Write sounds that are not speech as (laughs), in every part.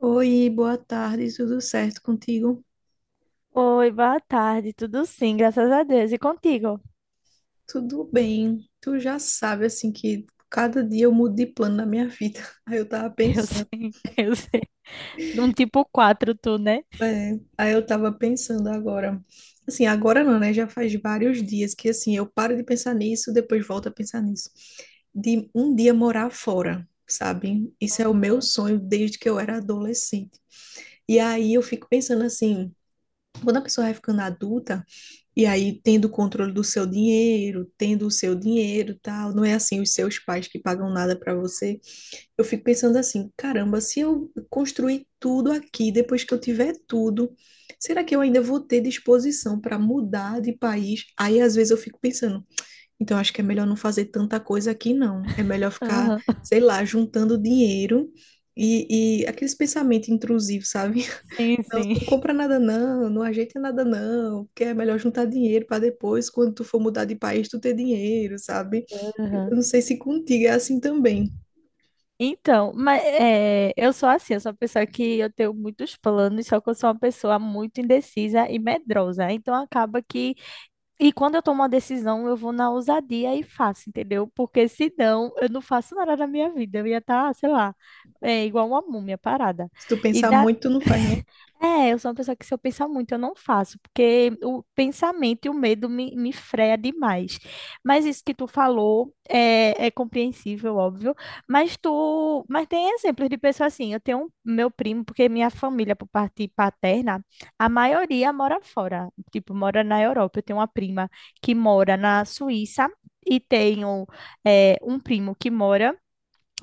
Oi, boa tarde, tudo certo contigo? Oi, boa tarde. Tudo sim, graças a Deus. E contigo? Tudo bem. Tu já sabe, assim, que cada dia eu mudo de plano na minha vida. (laughs) Aí eu tava Eu pensando, sim, (laughs) eu sei. Um tipo 4 tu, né? aí eu tava pensando agora. Assim, agora não, né? Já faz vários dias que, assim, eu paro de pensar nisso, depois volto a pensar nisso. De um dia morar fora, sabe? Isso é o meu Uhum. sonho desde que eu era adolescente. E aí eu fico pensando assim, quando a pessoa vai ficando adulta, e aí, tendo o controle do seu dinheiro, tendo o seu dinheiro, tal, não é assim os seus pais que pagam nada para você. Eu fico pensando assim, caramba, se eu construir tudo aqui, depois que eu tiver tudo, será que eu ainda vou ter disposição para mudar de país? Aí às vezes eu fico pensando, então acho que é melhor não fazer tanta coisa aqui não. É melhor ficar, Aham. sei lá, juntando dinheiro e aqueles pensamentos intrusivos, sabe? Sim, Não, não sim. compra nada não, não ajeita nada não, porque é melhor juntar dinheiro para depois, quando tu for mudar de país, tu ter dinheiro, sabe? Aham. Eu não sei se contigo é assim também. Então, eu sou assim, eu sou uma pessoa que eu tenho muitos planos, só que eu sou uma pessoa muito indecisa e medrosa. Então acaba que. E quando eu tomo uma decisão, eu vou na ousadia e faço, entendeu? Porque senão eu não faço nada na minha vida. Eu ia estar, sei lá, igual uma múmia parada. Se tu E pensar muito, tu não faz, né? É, eu sou uma pessoa que se eu pensar muito, eu não faço, porque o pensamento e o medo me freia demais. Mas isso que tu falou é compreensível, óbvio. Mas tem exemplos de pessoas assim. Eu tenho um, meu primo, porque minha família, por parte paterna, a maioria mora fora, tipo, mora na Europa. Eu tenho uma prima que mora na Suíça e tenho um primo que mora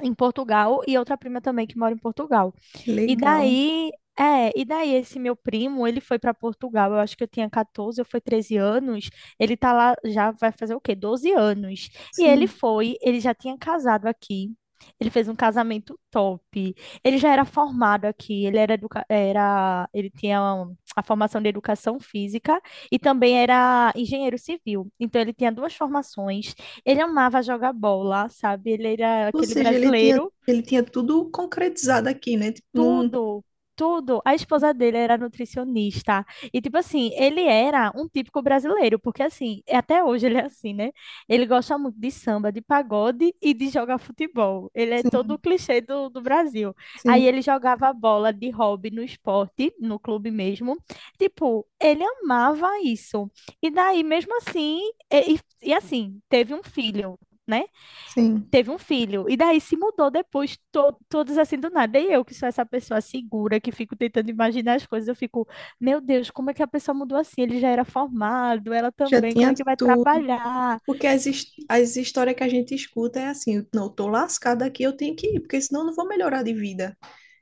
em Portugal e outra prima também que mora em Portugal. Que E legal. daí, e daí esse meu primo, ele foi para Portugal, eu acho que eu tinha 14 ou foi 13 anos, ele tá lá já vai fazer o quê? 12 anos. E ele Sim. foi, ele já tinha casado aqui. Ele fez um casamento top. Ele já era formado aqui, ele era, educa- era ele tinha um, a formação de educação física e também era engenheiro civil. Então ele tinha duas formações. Ele amava jogar bola, sabe? Ele era Ou aquele seja, ele tinha, brasileiro, ele tinha tudo concretizado aqui, né? Tipo, num... tudo, tudo. A esposa dele era nutricionista. E, tipo assim, ele era um típico brasileiro, porque, assim, até hoje ele é assim, né? Ele gosta muito de samba, de pagode e de jogar futebol. Ele é todo o Sim, clichê do Brasil. Aí sim, ele jogava bola de hobby no esporte, no clube mesmo. Tipo, ele amava isso. E daí, mesmo assim, assim, teve um filho, né? sim. Teve um filho. E daí se mudou depois, todos assim do nada. E eu, que sou essa pessoa segura, que fico tentando imaginar as coisas, eu fico, meu Deus, como é que a pessoa mudou assim? Ele já era formado, ela Já também, como tinha é que vai tudo. trabalhar? Porque as, Sim. his- as histórias que a gente escuta é assim, não, eu tô lascada aqui, eu tenho que ir, porque senão eu não vou melhorar de vida.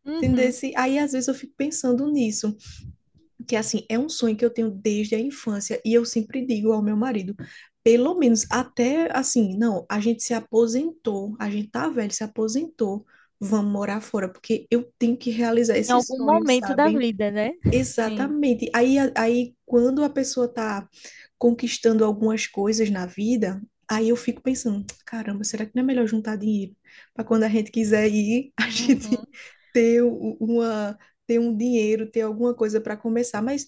Uhum. Entendesse? Aí às vezes eu fico pensando nisso, que assim, é um sonho que eu tenho desde a infância e eu sempre digo ao meu marido, pelo menos até assim, não, a gente se aposentou, a gente tá velho, se aposentou, vamos morar fora, porque eu tenho que realizar Em esse algum sonho, momento da sabe? vida, né? (laughs) Sim. Exatamente. Aí quando a pessoa está conquistando algumas coisas na vida, aí eu fico pensando, caramba, será que não é melhor juntar dinheiro para quando a gente quiser ir, (laughs) a gente Uhum. ter u- uma ter um dinheiro, ter alguma coisa para começar. Mas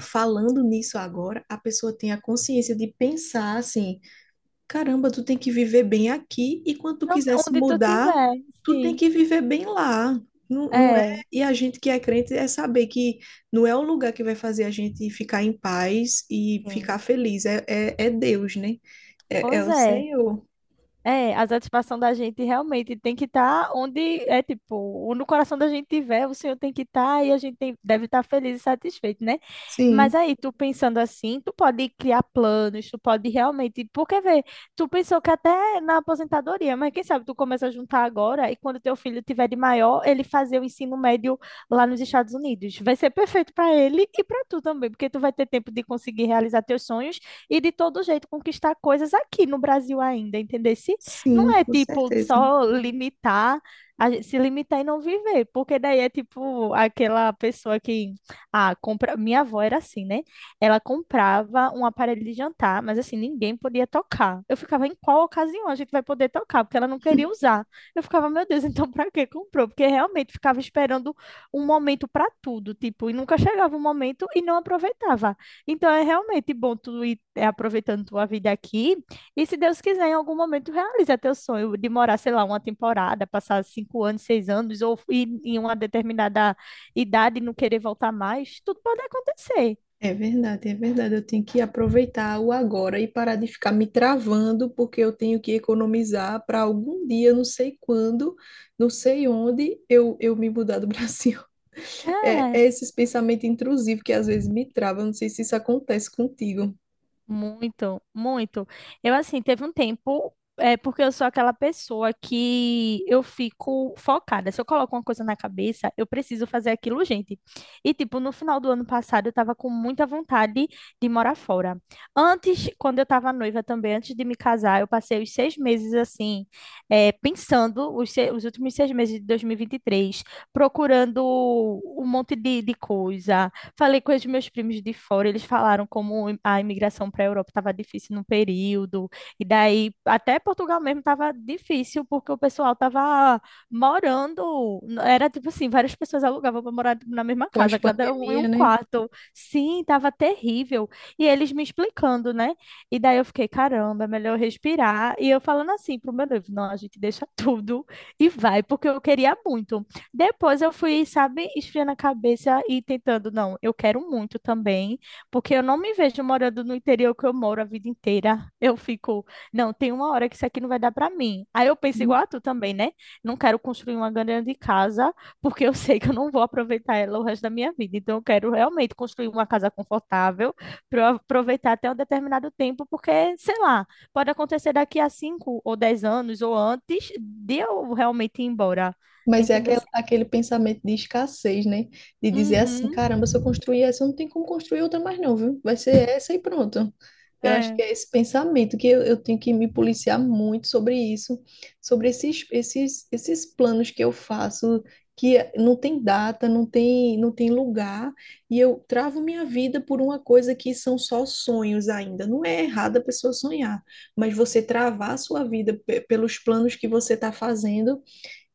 falando nisso agora, a pessoa tem a consciência de pensar assim, caramba, tu tem que viver bem aqui e quando tu Então, quiser se onde tu mudar, tiver, tu tem sim. que viver bem lá. Não, não é? É, E a gente que é crente é saber que não é o lugar que vai fazer a gente ficar em paz e ficar sim. feliz. É Deus, né? É Pois o é. Senhor. É, a satisfação da gente realmente tem que estar onde é tipo, no coração da gente tiver, o Senhor tem que estar e deve estar feliz e satisfeito, né? Mas Sim, aí, tu pensando assim, tu pode criar planos, tu pode realmente, porque vê, tu pensou que até na aposentadoria, mas quem sabe tu começa a juntar agora e quando teu filho tiver de maior, ele fazer o ensino médio lá nos Estados Unidos. Vai ser perfeito para ele e para tu também, porque tu vai ter tempo de conseguir realizar teus sonhos e de todo jeito conquistar coisas aqui no Brasil ainda, entendeu? sim, Não é com tipo certeza. só limitar, a gente se limitar e não viver, porque daí é tipo aquela pessoa que ah, compra, minha avó era assim, né? Ela comprava um aparelho de jantar, mas assim, ninguém podia tocar. Eu ficava em qual ocasião a gente vai poder tocar, porque ela não queria usar. Eu ficava, meu Deus, (laughs) então pra que comprou? Porque realmente ficava esperando um momento pra tudo, tipo, e nunca chegava o momento e não aproveitava. Então é realmente bom tu ir aproveitando tua vida aqui e se Deus quiser, em algum momento realiza teu sonho de morar, sei lá, uma temporada, passar cinco anos, seis anos, ou ir em uma determinada idade e não querer voltar mais, tudo pode acontecer. É verdade, é verdade. Eu tenho que aproveitar o agora e parar de ficar me travando, porque eu tenho que economizar para algum dia, não sei quando, não sei onde, eu me mudar do (laughs) Brasil. É, É, é esses pensamentos intrusivos que às vezes me travam. Não sei se isso acontece contigo, muito, muito. Eu, assim, teve um tempo, porque eu sou aquela pessoa que eu fico focada. Se eu coloco uma coisa na cabeça, eu preciso fazer aquilo, gente. E, tipo, no final do ano passado, eu tava com muita vontade de morar fora. Antes, quando eu tava noiva também, antes de me casar, eu passei os seis meses, assim, pensando, os, se- os últimos seis meses de 2023, procurando um monte de coisa. Falei com os meus primos de fora, eles falaram como a imigração para a Europa estava difícil no período, e daí até Portugal mesmo estava difícil, porque o pessoal estava morando, era tipo assim, várias pessoas alugavam para morar na mesma casa, cada um em um pós-pandemia, né? quarto. Sim, estava terrível. E eles me explicando, né? E daí eu fiquei, caramba, é melhor respirar. E eu falando assim pro meu noivo, não, a gente deixa (laughs) tudo e vai, porque eu queria muito. Depois eu fui, sabe, esfriando a cabeça e tentando, não, eu quero muito também, porque eu não me vejo morando no interior que eu moro a vida inteira. Eu fico, não, tem uma hora que isso aqui não vai dar para mim. Aí eu penso igual a tu também, né? Não quero construir uma grande casa, porque eu sei que eu não vou aproveitar ela o resto da minha vida. Então eu quero realmente construir uma casa confortável para eu aproveitar até um determinado tempo, porque, sei lá, pode acontecer daqui a cinco ou dez anos ou antes de eu realmente ir embora. Mas é Entendeu? aquele pensamento de escassez, né? De dizer assim, Uhum. caramba, se eu construir essa, eu não tenho como construir outra mais não, viu? Vai ser essa e pronto. Eu acho que É. é esse pensamento que eu tenho que me policiar muito sobre isso, sobre esses planos que eu faço, que não tem data, não tem, não tem lugar, e eu travo minha vida por uma coisa que são só sonhos ainda. Não é errado a pessoa sonhar, mas você travar a sua vida pelos planos que você está fazendo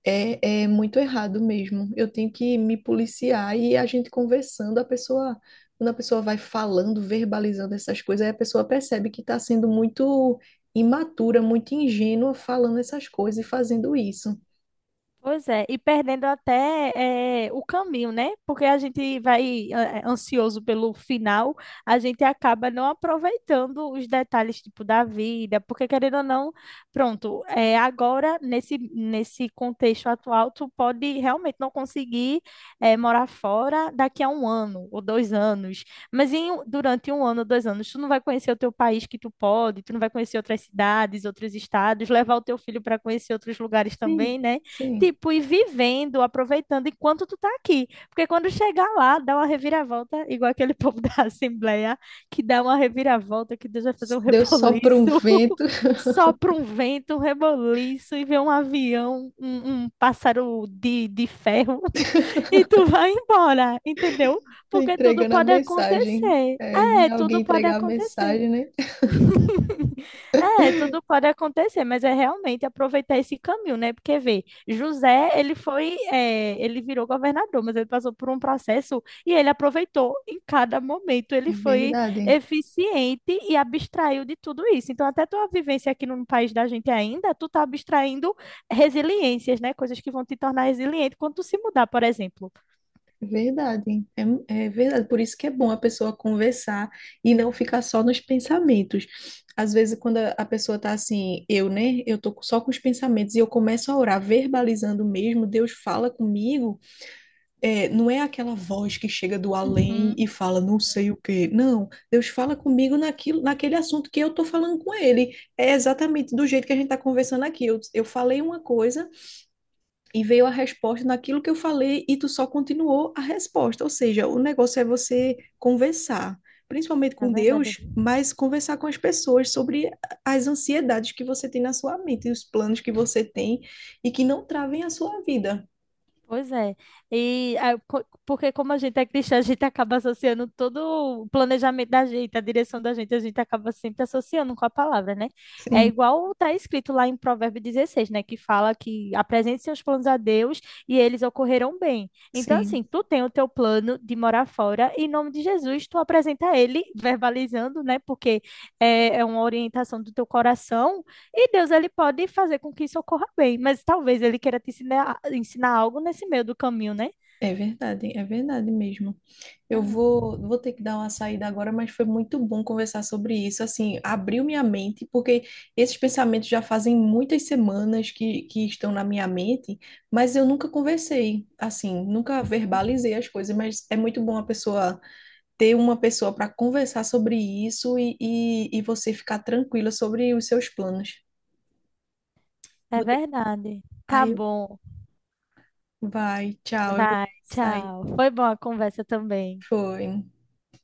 é, é muito errado mesmo. Eu tenho que me policiar e a gente conversando, a pessoa, quando a pessoa vai falando, verbalizando essas coisas, aí a pessoa percebe que está sendo muito imatura, muito ingênua falando essas coisas e fazendo isso. Pois é, e perdendo até o caminho, né? Porque a gente vai ansioso pelo final, a gente acaba não aproveitando os detalhes, tipo, da vida, porque querendo ou não, pronto, agora, nesse contexto atual, tu pode realmente não conseguir morar fora daqui a um ano ou dois anos, mas durante um ano ou dois anos, tu não vai conhecer o teu país que tu pode, tu não vai conhecer outras cidades, outros estados, levar o teu filho para conhecer outros lugares também, Sim. né? Sim. Tipo, e vivendo, aproveitando enquanto tu tá aqui. Porque quando chegar lá, dá uma reviravolta, igual aquele (laughs) povo da Assembleia, que dá uma reviravolta, que Deus vai fazer um Deu só para um reboliço, vento (laughs) sopra um vento, um reboliço, e vê um avião, um pássaro de ferro, (laughs) e tu vai embora, entendeu? (laughs) Porque tudo entregando a pode mensagem. acontecer. É, É, vinha alguém tudo pode entregar a acontecer. mensagem, né? (laughs) É, tudo pode acontecer, mas é realmente aproveitar esse caminho, né? Porque vê, José, ele foi, é, ele virou governador, mas ele passou por um processo e ele aproveitou em cada momento. Ele É foi verdade. eficiente e abstraiu de tudo isso. Então, até tua vivência aqui no país da gente ainda, tu tá abstraindo resiliências, né? Coisas que vão te tornar resiliente quando tu se mudar, por exemplo. É verdade, é, é verdade. Por isso que é bom a pessoa conversar e não ficar só nos pensamentos. Às vezes, quando a pessoa tá assim, eu, né? Eu tô só com os pensamentos e eu começo a orar, verbalizando mesmo, Deus fala comigo. É, não é aquela voz que chega do além Uhum, e fala não sei o quê. Não, Deus fala comigo naquilo, naquele assunto que eu tô falando com ele. É exatamente do jeito que a gente tá conversando aqui. Eu falei uma coisa e veio a resposta naquilo que eu falei e tu só continuou a resposta. Ou seja, o negócio é você conversar, principalmente é com verdade. Deus, mas conversar com as pessoas sobre as ansiedades que você tem na sua mente, e os planos que você tem e que não travem a sua vida. Pois é. E ah, porque como a gente é cristã, a gente acaba associando todo o planejamento da gente, a direção da gente, a gente acaba sempre associando com a palavra, né? É Sim, igual está escrito lá em Provérbio 16, né? Que fala que apresente seus planos a Deus e eles ocorrerão bem. Então, sim. assim, tu tem o teu plano de morar fora, e em nome de Jesus, tu apresenta ele, verbalizando, né? Porque é uma orientação do teu coração e Deus, ele pode fazer com que isso ocorra bem, mas talvez ele queira te ensinar, ensinar algo nesse meio do caminho, né? É verdade mesmo. Eu Ah, vou, vou ter que dar uma saída agora, mas foi muito bom conversar sobre isso. Assim, abriu minha mente, porque esses pensamentos já fazem muitas semanas que estão na minha mente, mas eu nunca conversei, assim, nunca uhum. verbalizei as coisas. Mas é muito bom a pessoa ter uma pessoa para conversar sobre isso e você ficar tranquila sobre os seus planos. É Vou ter... verdade. Tá Aí, bom. vai, tchau, eu vou Vai, sair. tchau. Foi boa a conversa também. Foi.